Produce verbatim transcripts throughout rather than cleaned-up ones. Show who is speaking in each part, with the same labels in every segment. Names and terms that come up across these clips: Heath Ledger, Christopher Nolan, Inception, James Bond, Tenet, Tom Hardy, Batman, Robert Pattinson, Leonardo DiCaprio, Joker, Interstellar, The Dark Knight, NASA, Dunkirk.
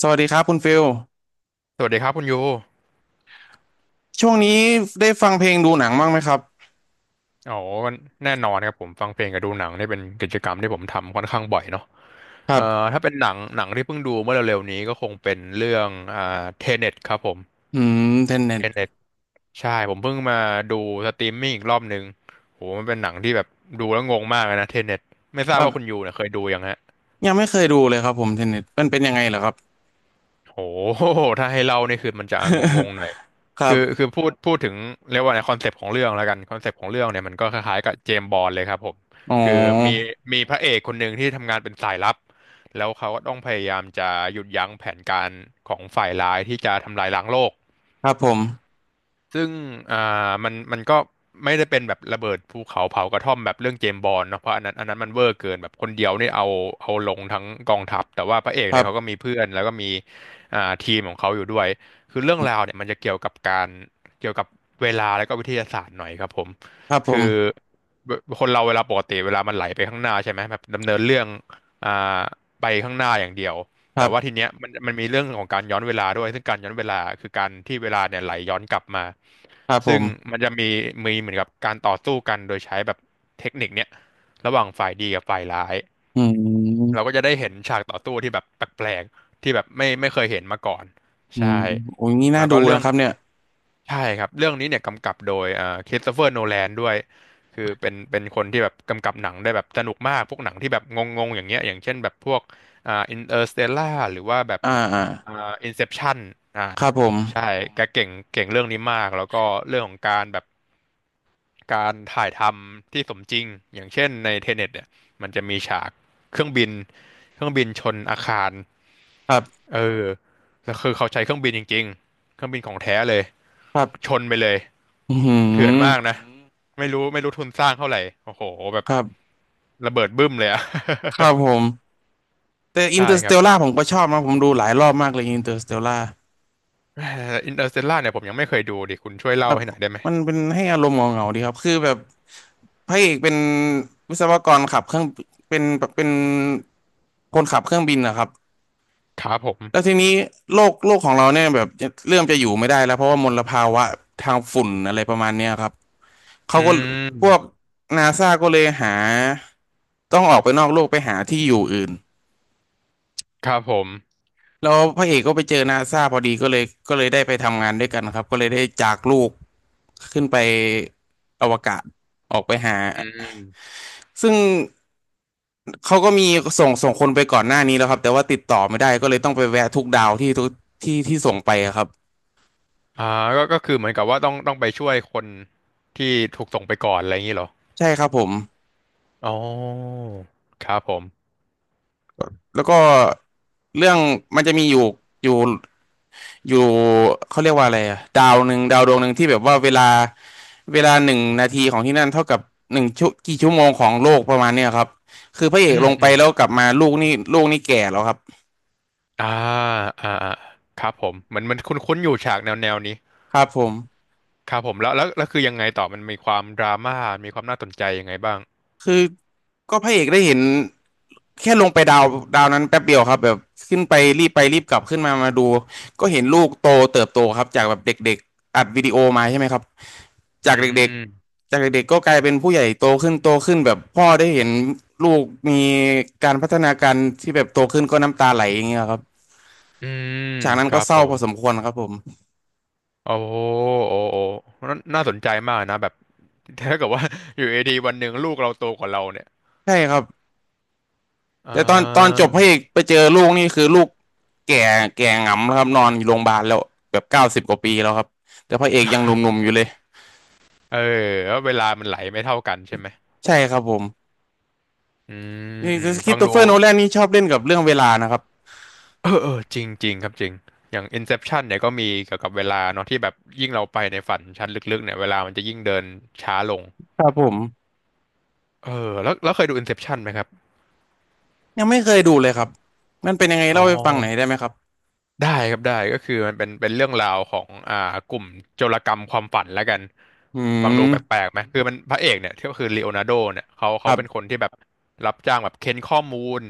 Speaker 1: สวัสดีครับคุณฟิล
Speaker 2: สวัสดีครับคุณยู
Speaker 1: ช่วงนี้ได้ฟังเพลงดูหนังบ้างไหมครับ
Speaker 2: อ๋อแน่นอนครับผมฟังเพลงกับดูหนังนี่เป็นกิจกรรมที่ผมทำค่อนข้างบ่อยเนาะ
Speaker 1: ครั
Speaker 2: เอ่อ
Speaker 1: บ
Speaker 2: ถ้าเป็นหนังหนังที่เพิ่งดูเมื่อเร็วๆนี้ก็คงเป็นเรื่องอ่าเทเน็ตครับผม
Speaker 1: อืมเทนเน็ต
Speaker 2: เทเน็ตใช่ผมเพิ่งมาดูสตรีมมิ่งอีกรอบหนึ่งโหมันเป็นหนังที่แบบดูแล้วงงมากเลยนะเทเน็ตไม่ท
Speaker 1: ค
Speaker 2: ราบว่าคุณ
Speaker 1: รับ
Speaker 2: ยูเนี่ยเคยดูยังฮะ
Speaker 1: ยังไม่เคยดูเลยครับผมเทนเน็ตมันเป็นยังไงเหรอครับ
Speaker 2: โอ้โห ถ้าให้เล่านี่คือมันจะงง ๆหน่อย
Speaker 1: ครั
Speaker 2: คือ
Speaker 1: บ
Speaker 2: คือพูดพูดถึงเรียกว่าในคอนเซปต์ของเรื่องแล้วกันคอนเซปต์ของเรื่องเนี่ยมันก็คล้ายๆกับเจมส์บอนด์เลยครับผม
Speaker 1: อ๋อ
Speaker 2: คือมีมีพระเอกคนหนึ่งที่ทำงานเป็นสายลับ แล้วเขาก็ต้องพยายามจะหยุดยั้งแผนการของฝ่ายร้ายที่จะทำลายล้างโลก
Speaker 1: ครับผม
Speaker 2: ซึ่งอ่ามันมันก็ไม่ได้เป็นแบบระเบิดภูเขาเผากระท่อมแบบเรื่องเจมส์บอนด์เนาะเพราะอันนั้นอันนั้นมันเวอร์เกินแบบคนเดียวนี่เอาเอาลงทั้งกองทัพแต่ว่าพระเอก
Speaker 1: ค
Speaker 2: เนี่
Speaker 1: รั
Speaker 2: ยเขาก็
Speaker 1: บ
Speaker 2: มีเพื่อนแล้วก็มีอ่าทีมของเขาอยู่ด้วยคือเรื่องราวเนี่ยมันจะเกี่ยวกับการเกี่ยวกับเวลาแล้วก็วิทยาศาสตร์หน่อยครับผม
Speaker 1: ครับผ
Speaker 2: คือ
Speaker 1: ม
Speaker 2: เวคนเราเวลาปกติเวลามันไหลไปข้างหน้าใช่ไหมแบบดำเนินเรื่องอ่าไปข้างหน้าอย่างเดียว
Speaker 1: ค
Speaker 2: แต่
Speaker 1: รั
Speaker 2: ว่าที
Speaker 1: บ
Speaker 2: เนี้ยมันมันมีเรื่องของการย้อนเวลาด้วยซึ่งการย้อนเวลาคือการที่เวลาเนี่ยไหลย้อนกลับมา
Speaker 1: ครับผ
Speaker 2: ซึ่ง
Speaker 1: ม
Speaker 2: มันจะมีมีเหมือนกับการต่อสู้กันโดยใช้แบบเทคนิคเนี้ยระหว่างฝ่ายดีกับฝ่ายร้าย
Speaker 1: อื
Speaker 2: เราก็
Speaker 1: ม
Speaker 2: จะได้เห็นฉากต่อสู้ที่แบบแปลกๆที่แบบไม่ไม่เคยเห็นมาก่อน
Speaker 1: อืม
Speaker 2: ใช่
Speaker 1: โอ้ยนี่น่า
Speaker 2: แล้ว
Speaker 1: ดู
Speaker 2: ก็เรื่
Speaker 1: นะ
Speaker 2: อง
Speaker 1: ครับเนี่ย
Speaker 2: ใช่ครับเรื่องนี้เนี่ยกำกับโดยเอ่อคริสโตเฟอร์โนแลนด้วยคือเป็นเป็นคนที่แบบกำกับหนังได้แบบสนุกมากพวกหนังที่แบบงงๆอย่างเงี้ยอย่างเช่นแบบพวกอ่าอินเตอร์สเตลล่าหรือว่าแบบ
Speaker 1: อ่าอ่า
Speaker 2: อ่าอินเซปชั่นอ่า
Speaker 1: ครับผม
Speaker 2: ใช่แกเก่งเก่งเรื่องนี้มากแล้วก็เรื่องของการแบบการถ่ายทำที่สมจริงอย่างเช่นในเทเน็ตเนี่ยมันจะมีฉากเครื่องบินเครื่องบินชนอาคาร
Speaker 1: ครับ
Speaker 2: เออแล้วคือเขาใช้เครื่องบินจริงๆเครื่องบินของแท้เลย
Speaker 1: ครั
Speaker 2: ช
Speaker 1: บ
Speaker 2: นไปเลย
Speaker 1: อื
Speaker 2: เถื่อนมากอื
Speaker 1: ม
Speaker 2: นะอืมไม่รู้ไม่รู้ทุนสร้างเท่าไหร่โอ้โหแบบ
Speaker 1: ครับ
Speaker 2: ระเบิดบึ้มเลยอะ
Speaker 1: ครับผมแต่ อิน
Speaker 2: ใช่
Speaker 1: เตอร์ส
Speaker 2: ค
Speaker 1: เต
Speaker 2: รับ
Speaker 1: ลล่าผมก็ชอบนะผมดูหลายรอบมากเลยอินเตอร์สเตลล่า
Speaker 2: อินเตอร์สเตลล่าเนี่ยผมยังไม่เคยดูดิคุณช่วย
Speaker 1: ค
Speaker 2: เล่า
Speaker 1: รับ
Speaker 2: ให้หน่อยได้ไหม
Speaker 1: มันเป็นให้อารมณ์เหงาๆดีครับคือแบบพระเอกเป็นวิศวกรขับเครื่องเป็นเป็นคนขับเครื่องบินนะครับ
Speaker 2: ครับผ
Speaker 1: แล้ว
Speaker 2: ม
Speaker 1: ทีนี้โลกโลกของเราเนี่ยแบบเริ่มจะอยู่ไม่ได้แล้วเพราะว่ามลภาวะทางฝุ่นอะไรประมาณเนี้ยครับเขา
Speaker 2: อื
Speaker 1: ก็พวก
Speaker 2: ม
Speaker 1: นาซาก็เลยหาต้องออกไปนอกโลกไปหาที่อยู่อื่น
Speaker 2: ครับผม
Speaker 1: แล้วพระเอกก็ไปเจอนาซาพอดีก็เลยก็เลยได้ไปทำงานด้วยกันครับก็เลยได้จากลูกขึ้นไปอวกาศออกไปหา
Speaker 2: อืม
Speaker 1: ซึ่งเขาก็มีส่งส่งคนไปก่อนหน้านี้แล้วครับแต่ว่าติดต่อไม่ได้ก็เลยต้องไปแวะทุกดาวที่ทุกที่ที่ส่งไปอะครับ
Speaker 2: อ่าก็ก็คือเหมือนกับว่าต้องต้องไปช่วยคนที่ถูกส่งไปก่อนอะไรอย่างนี้เหรอ
Speaker 1: ใช่ครับผม
Speaker 2: อ๋อครับผม
Speaker 1: แล้วก็เรื่องมันจะมีอยู่อยู่อยู่เขาเรียกว่าอะไรอะดาวหนึ่งดาวดวงหนึ่งที่แบบว่าเวลาเวลาหนึ่งนาทีของที่นั่นเท่ากับหนึ่งชั่วกี่ชั่วโมงของโลกประมาณเนี้ยครับคือพระเอ
Speaker 2: อื
Speaker 1: กล
Speaker 2: ม
Speaker 1: งไป
Speaker 2: อืม
Speaker 1: แล้วกลับมาลูกนี่ลูกนี่แก่แล้วครับ
Speaker 2: อ่าอ่าอ่าครับผม เหมือนมันคุ้นๆอยู่ฉากแนวแนวนี้
Speaker 1: ครับผม
Speaker 2: ครับผมแล้วแล้วแล้วคือยังไงต่อมันมีความดราม่ามีความน่าสนใจยังไงบ้าง
Speaker 1: คือก็พระเอกได้เห็นแค่ลงไปดาวดาวนั้นแป๊บเดียวครับแบบขึ้นไปรีบไปรีบกลับขึ้นมามาดูก็เห็นลูกโตเติบโตครับจากแบบเด็กๆอัดวิดีโอมาใช่ไหมครับ
Speaker 2: อื
Speaker 1: จากเด็ก
Speaker 2: ม
Speaker 1: ๆจากเด็กๆก็กลายเป็นผู้ใหญ่โตขึ้นโตขึ้นแบบพ่อได้เห็นลูกมีการพัฒนาการที่แบบโตขึ้นก็น้ำตาไหลอย่างเงี้ยครับ
Speaker 2: อืม
Speaker 1: ฉากนั้น
Speaker 2: ค
Speaker 1: ก็
Speaker 2: รับ
Speaker 1: เศ
Speaker 2: ผ
Speaker 1: ร้าพ
Speaker 2: ม
Speaker 1: อสมควรครับผม
Speaker 2: โอ้โหโอ้โหน่าน่าสนใจมากนะแบบ ถ้าเกิดว่า อยู่ดีๆวันหนึ่งลูกเราโตกว่าเราเนี่ย
Speaker 1: ใช่ครับ
Speaker 2: อ่า
Speaker 1: แต่ตอนตอนจบพระเอกไปเจอลูกนี่คือลูกแก่แก่หงำแล้วครับนอนอยู่โรงพยาบาลแล้วแบบเก้าสิบกว่าปีแล้วครับแต่พระเอกยัง หนุ่มๆอยู่เลย
Speaker 2: เออแล้วเวลามันไหลไม่เท่ากันใช่ไหม
Speaker 1: ใช่ครับผม
Speaker 2: อืม
Speaker 1: นี่
Speaker 2: อื
Speaker 1: ค
Speaker 2: ม
Speaker 1: ริ
Speaker 2: ฟั
Speaker 1: ส
Speaker 2: ง
Speaker 1: โต
Speaker 2: ดู
Speaker 1: เฟอร์โนแลนนี่ชอบเล่นกับเรื่องเวลานะครับ
Speaker 2: เออเออจริงจริงครับจริงอย่าง Inception เนี่ยก็มีเกี่ยวกับเวลาเนาะที่แบบยิ่งเราไปในฝันชั้นลึกๆเนี่ยเวลามันจะยิ่งเดินช้าลง
Speaker 1: ครับผม
Speaker 2: เออแล้วแล้วเคยดู Inception ไหมครับ
Speaker 1: ยังไม่เคยดูเลยครับมันเป็นยังไง
Speaker 2: อ๋อ
Speaker 1: เล่าให้ฟังหน่อยได้ไหมครับ
Speaker 2: ได้ครับได้ก็คือมันเป็นเป็นเรื่องราวของอ่ากลุ่มโจรกรรมความฝันแล้วกัน
Speaker 1: อื
Speaker 2: ฟังดูแป
Speaker 1: ม
Speaker 2: ลกๆไหมคือมันพระเอกเนี่ยที่ก็คือลีโอนาร์โดเนี่ยเขา
Speaker 1: ค
Speaker 2: เขา
Speaker 1: รั
Speaker 2: เป็นคน
Speaker 1: บ
Speaker 2: ที่แบบรับจ้างแบบเค้นข้อมูล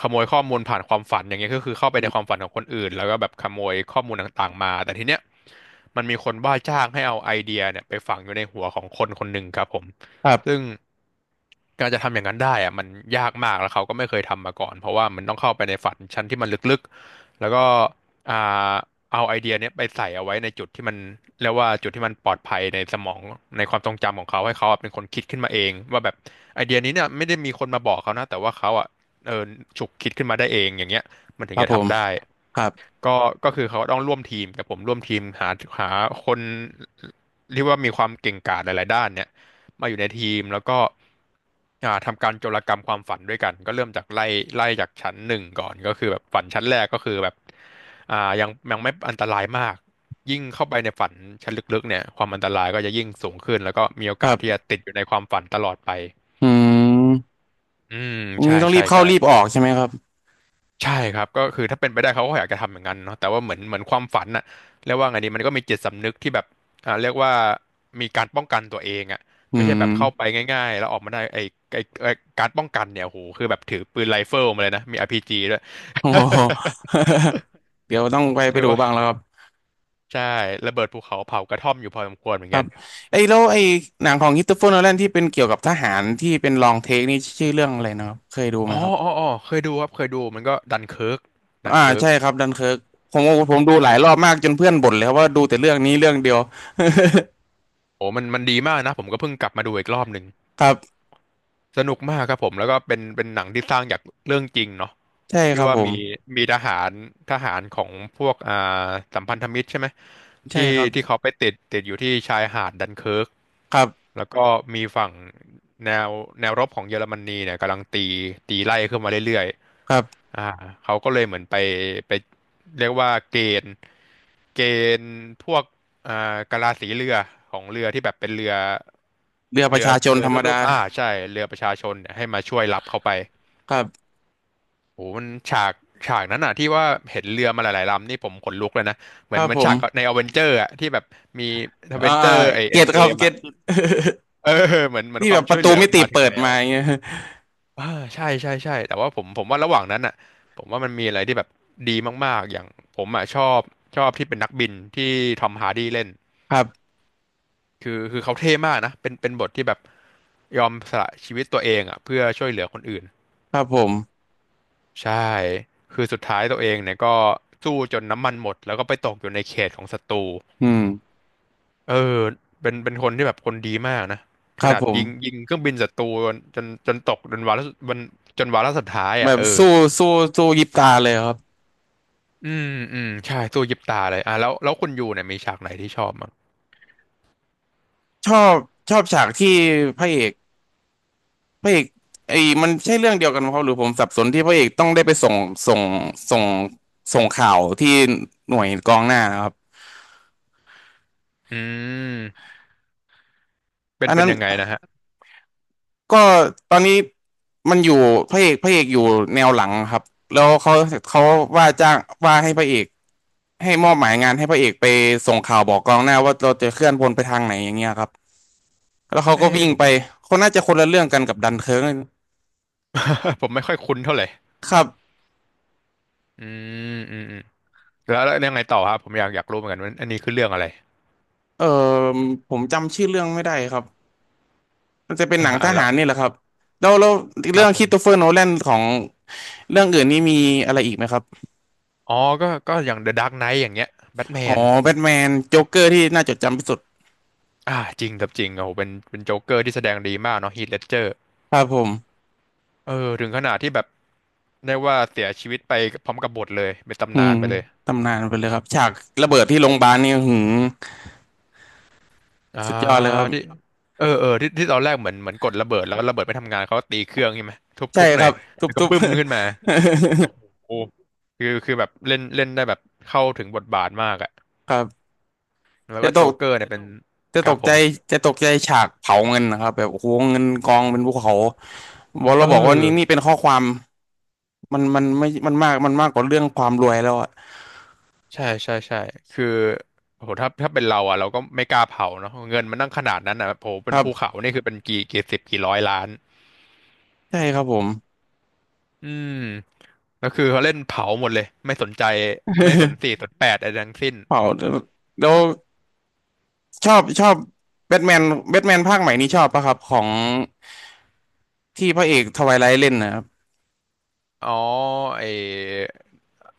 Speaker 2: ขโมยข้อมูลผ่านความฝันอย่างเงี้ยก็คือเข้าไปในความฝันของคนอื่นแล้วก็แบบขโมยข้อมูลต่างๆมาแต่ทีเนี้ยมันมีคนว่าจ้างให้เอาไอเดียเนี่ยไปฝังอยู่ในหัวของคนคนหนึ่งครับผม
Speaker 1: ครั
Speaker 2: ซึ่ง
Speaker 1: บ
Speaker 2: การจะทำอย่างนั้นได้อะมันยากมากแล้วเขาก็ไม่เคยทำมาก่อนเพราะว่ามันต้องเข้าไปในฝันชั้นที่มันลึกๆแล้วก็อ่าเอาไอเดียเนี้ยไปใส่เอาไว้ในจุดที่มันเรียกว่าจุดที่มันปลอดภัยในสมองในความทรงจำของเขาให้เขาอะเป็นคนคิดขึ้นมาเองว่าแบบไอเดียนี้เนี่ยไม่ได้มีคนมาบอกเขานะแต่ว่าเขาอ่ะเออฉุกคิดขึ้นมาได้เองอย่างเงี้ยมันถึ
Speaker 1: ค
Speaker 2: ง
Speaker 1: รับ
Speaker 2: จะ
Speaker 1: ผม
Speaker 2: ทำได้
Speaker 1: ครับ
Speaker 2: ก็ก็คือเขาต้องร่วมทีมกับผมร่วมทีมหาหาคนเรียกว่ามีความเก่งกาจหลายๆด้านเนี่ย มาอยู่ในทีมแล้วก็อ่าทำการโจรกรรมความฝันด้วยกันก็เริ่มจากไล่ไล่จากชั้นหนึ่งก่อนก็คือแบบฝันชั้นแรกก็คือแบบอ่ายังยังไม่อันตรายมากยิ่งเข้าไปในฝันชั้นลึกๆเนี่ยความอันตรายก็จะยิ่งสูงขึ้นแล้วก็มีโอ
Speaker 1: ค
Speaker 2: กา
Speaker 1: รั
Speaker 2: สที่จะ
Speaker 1: บ
Speaker 2: ติดอยู่ในความฝันตลอดไป
Speaker 1: อืม
Speaker 2: อืมใช่
Speaker 1: นี่ต้องรี
Speaker 2: ใช่
Speaker 1: บเข้า
Speaker 2: ใช่
Speaker 1: รีบออกใช่ไหมครับ
Speaker 2: ใช่ครับก็คือถ้าเป็นไปได้เขาก็อยากจะทำเหมือนกั้นเนาะแต่ว่าเหมือนเหมือนความฝันน่ะเรียกว่าไงดีมันก็มีจิตสำนึกที่แบบอ่าเรียกว่ามีการป้องกันตัวเองอ่ะ
Speaker 1: อื
Speaker 2: ไม่ใช่แบบเข้าไป
Speaker 1: ม
Speaker 2: ง่ายๆแล้วออกมาได้ไอ้ไอ้ไอ้การป้องกันเนี่ยโโหคือแบบถือปืนไรเฟิลมาเลยนะมีอาร์พีจีด้วย
Speaker 1: โอ้โห เดี๋ยวต้องไป ไป
Speaker 2: เรียก
Speaker 1: ดู
Speaker 2: ว่า
Speaker 1: บ้างแล้วครับ
Speaker 2: ใช่ระเบิดภูเขาเผากระท่อมอยู่พอสมควรเหมือนกัน
Speaker 1: ไอ้แล้วไอ้หนังของค h ิตเฟอร์โนแลนที่เป็นเกี่ยวกับทหารที่เป็นลองเทคนี่ชื่อเรื่องอะไรนะครับเคยดูไหม
Speaker 2: อ๋อ
Speaker 1: ครั
Speaker 2: อ๋อ
Speaker 1: บ
Speaker 2: อ๋อเคยดูครับเคยดูมันก็ดันเคิร์กดัน
Speaker 1: อ่า
Speaker 2: เคิร์ก
Speaker 1: ใช่ครับดันเคิร์กผมผมดู
Speaker 2: โอ้
Speaker 1: หลา
Speaker 2: โห
Speaker 1: ยรอบมากจนเพื่อนบ่นเลยครับว่าดูแต่เรื่องนี้เรื่องเดียว
Speaker 2: โอ้มันมันดีมากนะผมก็เพิ่งกลับมาดูอีกรอบหนึ่ง
Speaker 1: ครับ
Speaker 2: สนุกมากครับผมแล้วก็เป็นเป็นหนังที่สร้างจากเรื่องจริงเนาะ
Speaker 1: ใช่ค
Speaker 2: ที่
Speaker 1: รับ
Speaker 2: ว่า
Speaker 1: ผม
Speaker 2: มีมีทหารทหารของพวกอ่าสัมพันธมิตรใช่ไหม
Speaker 1: ใช่
Speaker 2: ที่
Speaker 1: ครับ
Speaker 2: ที่เขาไปติดติดอยู่ที่ชายหาดดันเคิร์ก
Speaker 1: ครับ
Speaker 2: แล้วก็มีฝั่งแนวแนวรบของเยอรมนีเนี่ยกำลังตีตีไล่ขึ้นมาเรื่อย
Speaker 1: ครับ
Speaker 2: ๆอ่าเขาก็เลยเหมือนไปไปเรียกว่าเกณฑ์เกณฑ์พวก อ่ากะลาสีเรือของเรือที่แบบเป็นเรือ
Speaker 1: เรือประ
Speaker 2: เรือ
Speaker 1: ชาชน
Speaker 2: เรื
Speaker 1: ธ
Speaker 2: อ
Speaker 1: รรม
Speaker 2: ทั่ว
Speaker 1: ดา
Speaker 2: ๆอ่าใช่เรือประชาชนเนี่ยให้มาช่วยรับเข้าไป
Speaker 1: ครับ
Speaker 2: โอ้โหมันฉากฉากนั้นอ่ะที่ว่าเห็นเรือมาหลายๆลำนี่ผมขนลุกเลยนะเห
Speaker 1: ค
Speaker 2: มือ
Speaker 1: รั
Speaker 2: น
Speaker 1: บ
Speaker 2: เหมือ
Speaker 1: ผ
Speaker 2: นฉา
Speaker 1: ม
Speaker 2: กในอเวนเจอร์อ่ะที่แบบมีอเว
Speaker 1: อ่า
Speaker 2: นเจอร์ไอเอ็
Speaker 1: เก็
Speaker 2: น
Speaker 1: ต
Speaker 2: เก
Speaker 1: ครับ
Speaker 2: ม
Speaker 1: เก็
Speaker 2: อ่ะ
Speaker 1: ต
Speaker 2: เออเหมือนเหมือน
Speaker 1: ที่
Speaker 2: ค
Speaker 1: แบ
Speaker 2: วาม
Speaker 1: บป
Speaker 2: ช่ว
Speaker 1: ระ
Speaker 2: ยเห
Speaker 1: ตู
Speaker 2: ลือ
Speaker 1: มิ
Speaker 2: มัน
Speaker 1: ติ
Speaker 2: มาถึง
Speaker 1: เปิด
Speaker 2: แล้ว
Speaker 1: มาอย่างเงี้ย
Speaker 2: อ่าใช่ใช่ใช่แต่ว่าผมผมว่าระหว่างนั้นอ่ะผมว่ามันมีอะไรที่แบบดีมากๆอย่างผมอ่ะชอบชอบที่เป็นนักบินที่ทอมฮาร์ดีเล่น
Speaker 1: ครับ
Speaker 2: คือคือเขาเท่มากนะเป็นเป็นบทที่แบบยอมสละชีวิตตัวเองอ่ะเพื่อช่วยเหลือคนอื่น
Speaker 1: ครับผม
Speaker 2: ใช่คือสุดท้ายตัวเองเนี่ยก็สู้จนน้ำมันหมดแล้วก็ไปตกอยู่ในเขตของศัตรู
Speaker 1: อืม
Speaker 2: เออเป็นเป็นคนที่แบบคนดีมากนะ
Speaker 1: ค
Speaker 2: ข
Speaker 1: รับ
Speaker 2: นาด
Speaker 1: ผม
Speaker 2: ยิงยิงเครื่องบินศัตรูจนจนจนตกจนวาระจนจนวาระสุดท้าย
Speaker 1: แบ
Speaker 2: อ่ะ
Speaker 1: บ
Speaker 2: เออ
Speaker 1: สู้สู้สู้ยิบตาเลยครับ
Speaker 2: อืมอืมใช่สู้ยิบตาเลยอ่ะแล้วแล้วคุณยูเนี่ยมีฉากไหนที่ชอบมั้ง
Speaker 1: ชอบชอบฉากที่พระเอก พระเอกไอ้มันใช่เรื่องเดียวกันไหมครับหรือผมสับสนที่พระเอกต้องได้ไปส่งส่งส่งส่งข่าวที่หน่วยกองหน้านะครับ
Speaker 2: อืมเป็น
Speaker 1: อัน
Speaker 2: เป็
Speaker 1: นั้
Speaker 2: น
Speaker 1: น
Speaker 2: ยังไงนะฮะ
Speaker 1: ก็ตอนนี้มันอยู่พระเอกพระเอกอยู่แนวหลังครับแล้วเขาเขาว่าจ้างว่าให้พระเอกให้มอบหมายงานให้พระเอกไปส่งข่าวบอกกองหน้าว่าเราจะเคลื่อนพลไปทางไหนอย่างเงี้ยครับแล้วเขา
Speaker 2: เอ้
Speaker 1: ก็วิ่ง
Speaker 2: ผ
Speaker 1: ไป
Speaker 2: ม
Speaker 1: คนน่าจะคนละเรื่องกันกับดันเคิร์ก
Speaker 2: ผมไม่ค่อยคุ้นเท่าไหร่
Speaker 1: ครับ
Speaker 2: อืมอืมอืม แล้วแล้วยังไงต่อครับผมอยากอยากรู้เหมือนกันว่าอันนี้คือเรื่องอะไร
Speaker 1: เออผมจำชื่อเรื่องไม่ได้ครับ มันจะเป็น
Speaker 2: อ่า
Speaker 1: หนังท
Speaker 2: อ่าแล้
Speaker 1: หา
Speaker 2: ว
Speaker 1: รนี่แหละครับแล้วแล้ว
Speaker 2: ครั
Speaker 1: เรื่อ
Speaker 2: บ
Speaker 1: ง
Speaker 2: ผ
Speaker 1: ค h ิ i โตเฟอ
Speaker 2: ม
Speaker 1: ร์โนแลนของเรื่องอื่นนี่มีอะไรอีกไหมครับ
Speaker 2: อ๋อก็ก็อย่าง The Dark Knight อย่างเงี้ยแบทแม
Speaker 1: อ๋อ
Speaker 2: น
Speaker 1: แบทแมนโจ๊กเกอร์ที่น่าจดจำที่สุด
Speaker 2: อ่าจริงกับจริงโอ้โหเป็นเป็นโจ๊กเกอร์ที่แสดงดีมากเนาะฮีทเลดเจอร์
Speaker 1: ครับผม
Speaker 2: เออถึงขนาดที่แบบได้ว่าเสียชีวิตไปพร้อมกับบทเลยเป็น
Speaker 1: อื
Speaker 2: ตำนา
Speaker 1: ม
Speaker 2: นไปเลย
Speaker 1: ตำนานไปเลยครับฉากระเบิดที่โรงพยาบาลนี่อื้อหือ
Speaker 2: อ่า
Speaker 1: สุดยอดเลยครับ
Speaker 2: ที่เออเออที่ที่ตอนแรกเหมือนเหมือนกดระเบิดแล้วระเบิดไม่ทำงานเขาก็ตีเครื่องใช่ไหมทุบ
Speaker 1: ใช่
Speaker 2: ทุบห
Speaker 1: ค
Speaker 2: น่อ
Speaker 1: รั
Speaker 2: ย
Speaker 1: บทุบ
Speaker 2: แล้วก็
Speaker 1: ทุบ
Speaker 2: บึ้มขึ้นมาโอ้โหคือคือแบบเล่นเล่นได้แบบเข้าถึงบทบาทมากอะ
Speaker 1: ครับ
Speaker 2: แล้ว
Speaker 1: จะ
Speaker 2: ก็
Speaker 1: ต
Speaker 2: โจ๊ก
Speaker 1: ก
Speaker 2: เกอร์เนี่ยเป็น
Speaker 1: จะ
Speaker 2: ค
Speaker 1: ต
Speaker 2: รับ
Speaker 1: ก
Speaker 2: ผ
Speaker 1: ใจ
Speaker 2: ม
Speaker 1: จะตกใจฉากเผาเงินนะครับแบบโอ้โหเงินกองเป็นภูเขาบอก
Speaker 2: เอ
Speaker 1: เราบอกว่านี่
Speaker 2: อ
Speaker 1: นี่เป็นข้อความมันมันไม่มันมากมันมากกว่าเรื่องความรวยแล้วอะ
Speaker 2: ใช่ใช่ใช่คือโหถ้าถ้าเป็นเราอ่ะเราก็ไม่กล้าเผาเนาะเงินมันนั่งขนาดนั้นอ่ะโอ้โห
Speaker 1: ค
Speaker 2: เป็น
Speaker 1: รั
Speaker 2: ภูเขา
Speaker 1: บ
Speaker 2: นี่คือเป็นกี่กี่สิบกี่ร้อยล้าน
Speaker 1: ใช่ครับผม
Speaker 2: อืมแล้วคือเขาเล่นเผาหมดเลยไม่สนใจไม่สน สี่สนแปดอะไรทั้งสิ้น
Speaker 1: เผาแล้วชอบชอบแบทแมนแบทแมนภาคใหม่นี้ชอบปะครับของที่พระเอกทวายไลท์เล่นนะครับ
Speaker 2: อ๋อไอ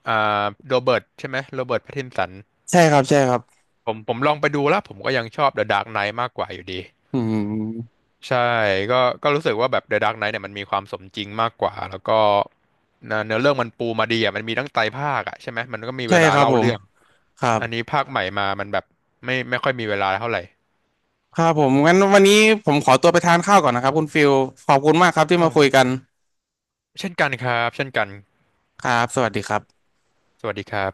Speaker 2: อ่าโรเบิร์ตใช่ไหมโรเบิร์ตแพตตินสัน
Speaker 1: ใช่ครับใช่ครับ
Speaker 2: ผมผมลองไปดูแล้วผมก็ยังชอบ The Dark Knight มากกว่าอยู่ดี
Speaker 1: อืม
Speaker 2: ใช่ก็ก็รู้สึกว่าแบบ The Dark Knight เนี่ยมันมีความสมจริงมากกว่าแล้วก็เนื้อเนื้อเรื่องมันปูมาดีอ่ะมันมีตั้งไตรภาคอ่ะใช่ไหมมันก็มีเว
Speaker 1: ใช่
Speaker 2: ลา
Speaker 1: ครับ
Speaker 2: เล่า
Speaker 1: ผม
Speaker 2: เรื่อง
Speaker 1: ครับ
Speaker 2: อันนี้ภาคใหม่มา มันแบบไม่ไม่ค่อยมีเวลาเท่าไหร่
Speaker 1: ครับผมงั้นวันนี้ผมขอตัวไปทานข้าวก่อนนะครับคุณฟิลขอบคุณมากครับที่มาคุยกัน
Speaker 2: เช่นกันครับเช่นกัน
Speaker 1: ครับสวัสดีครับ
Speaker 2: สวัสดีครับ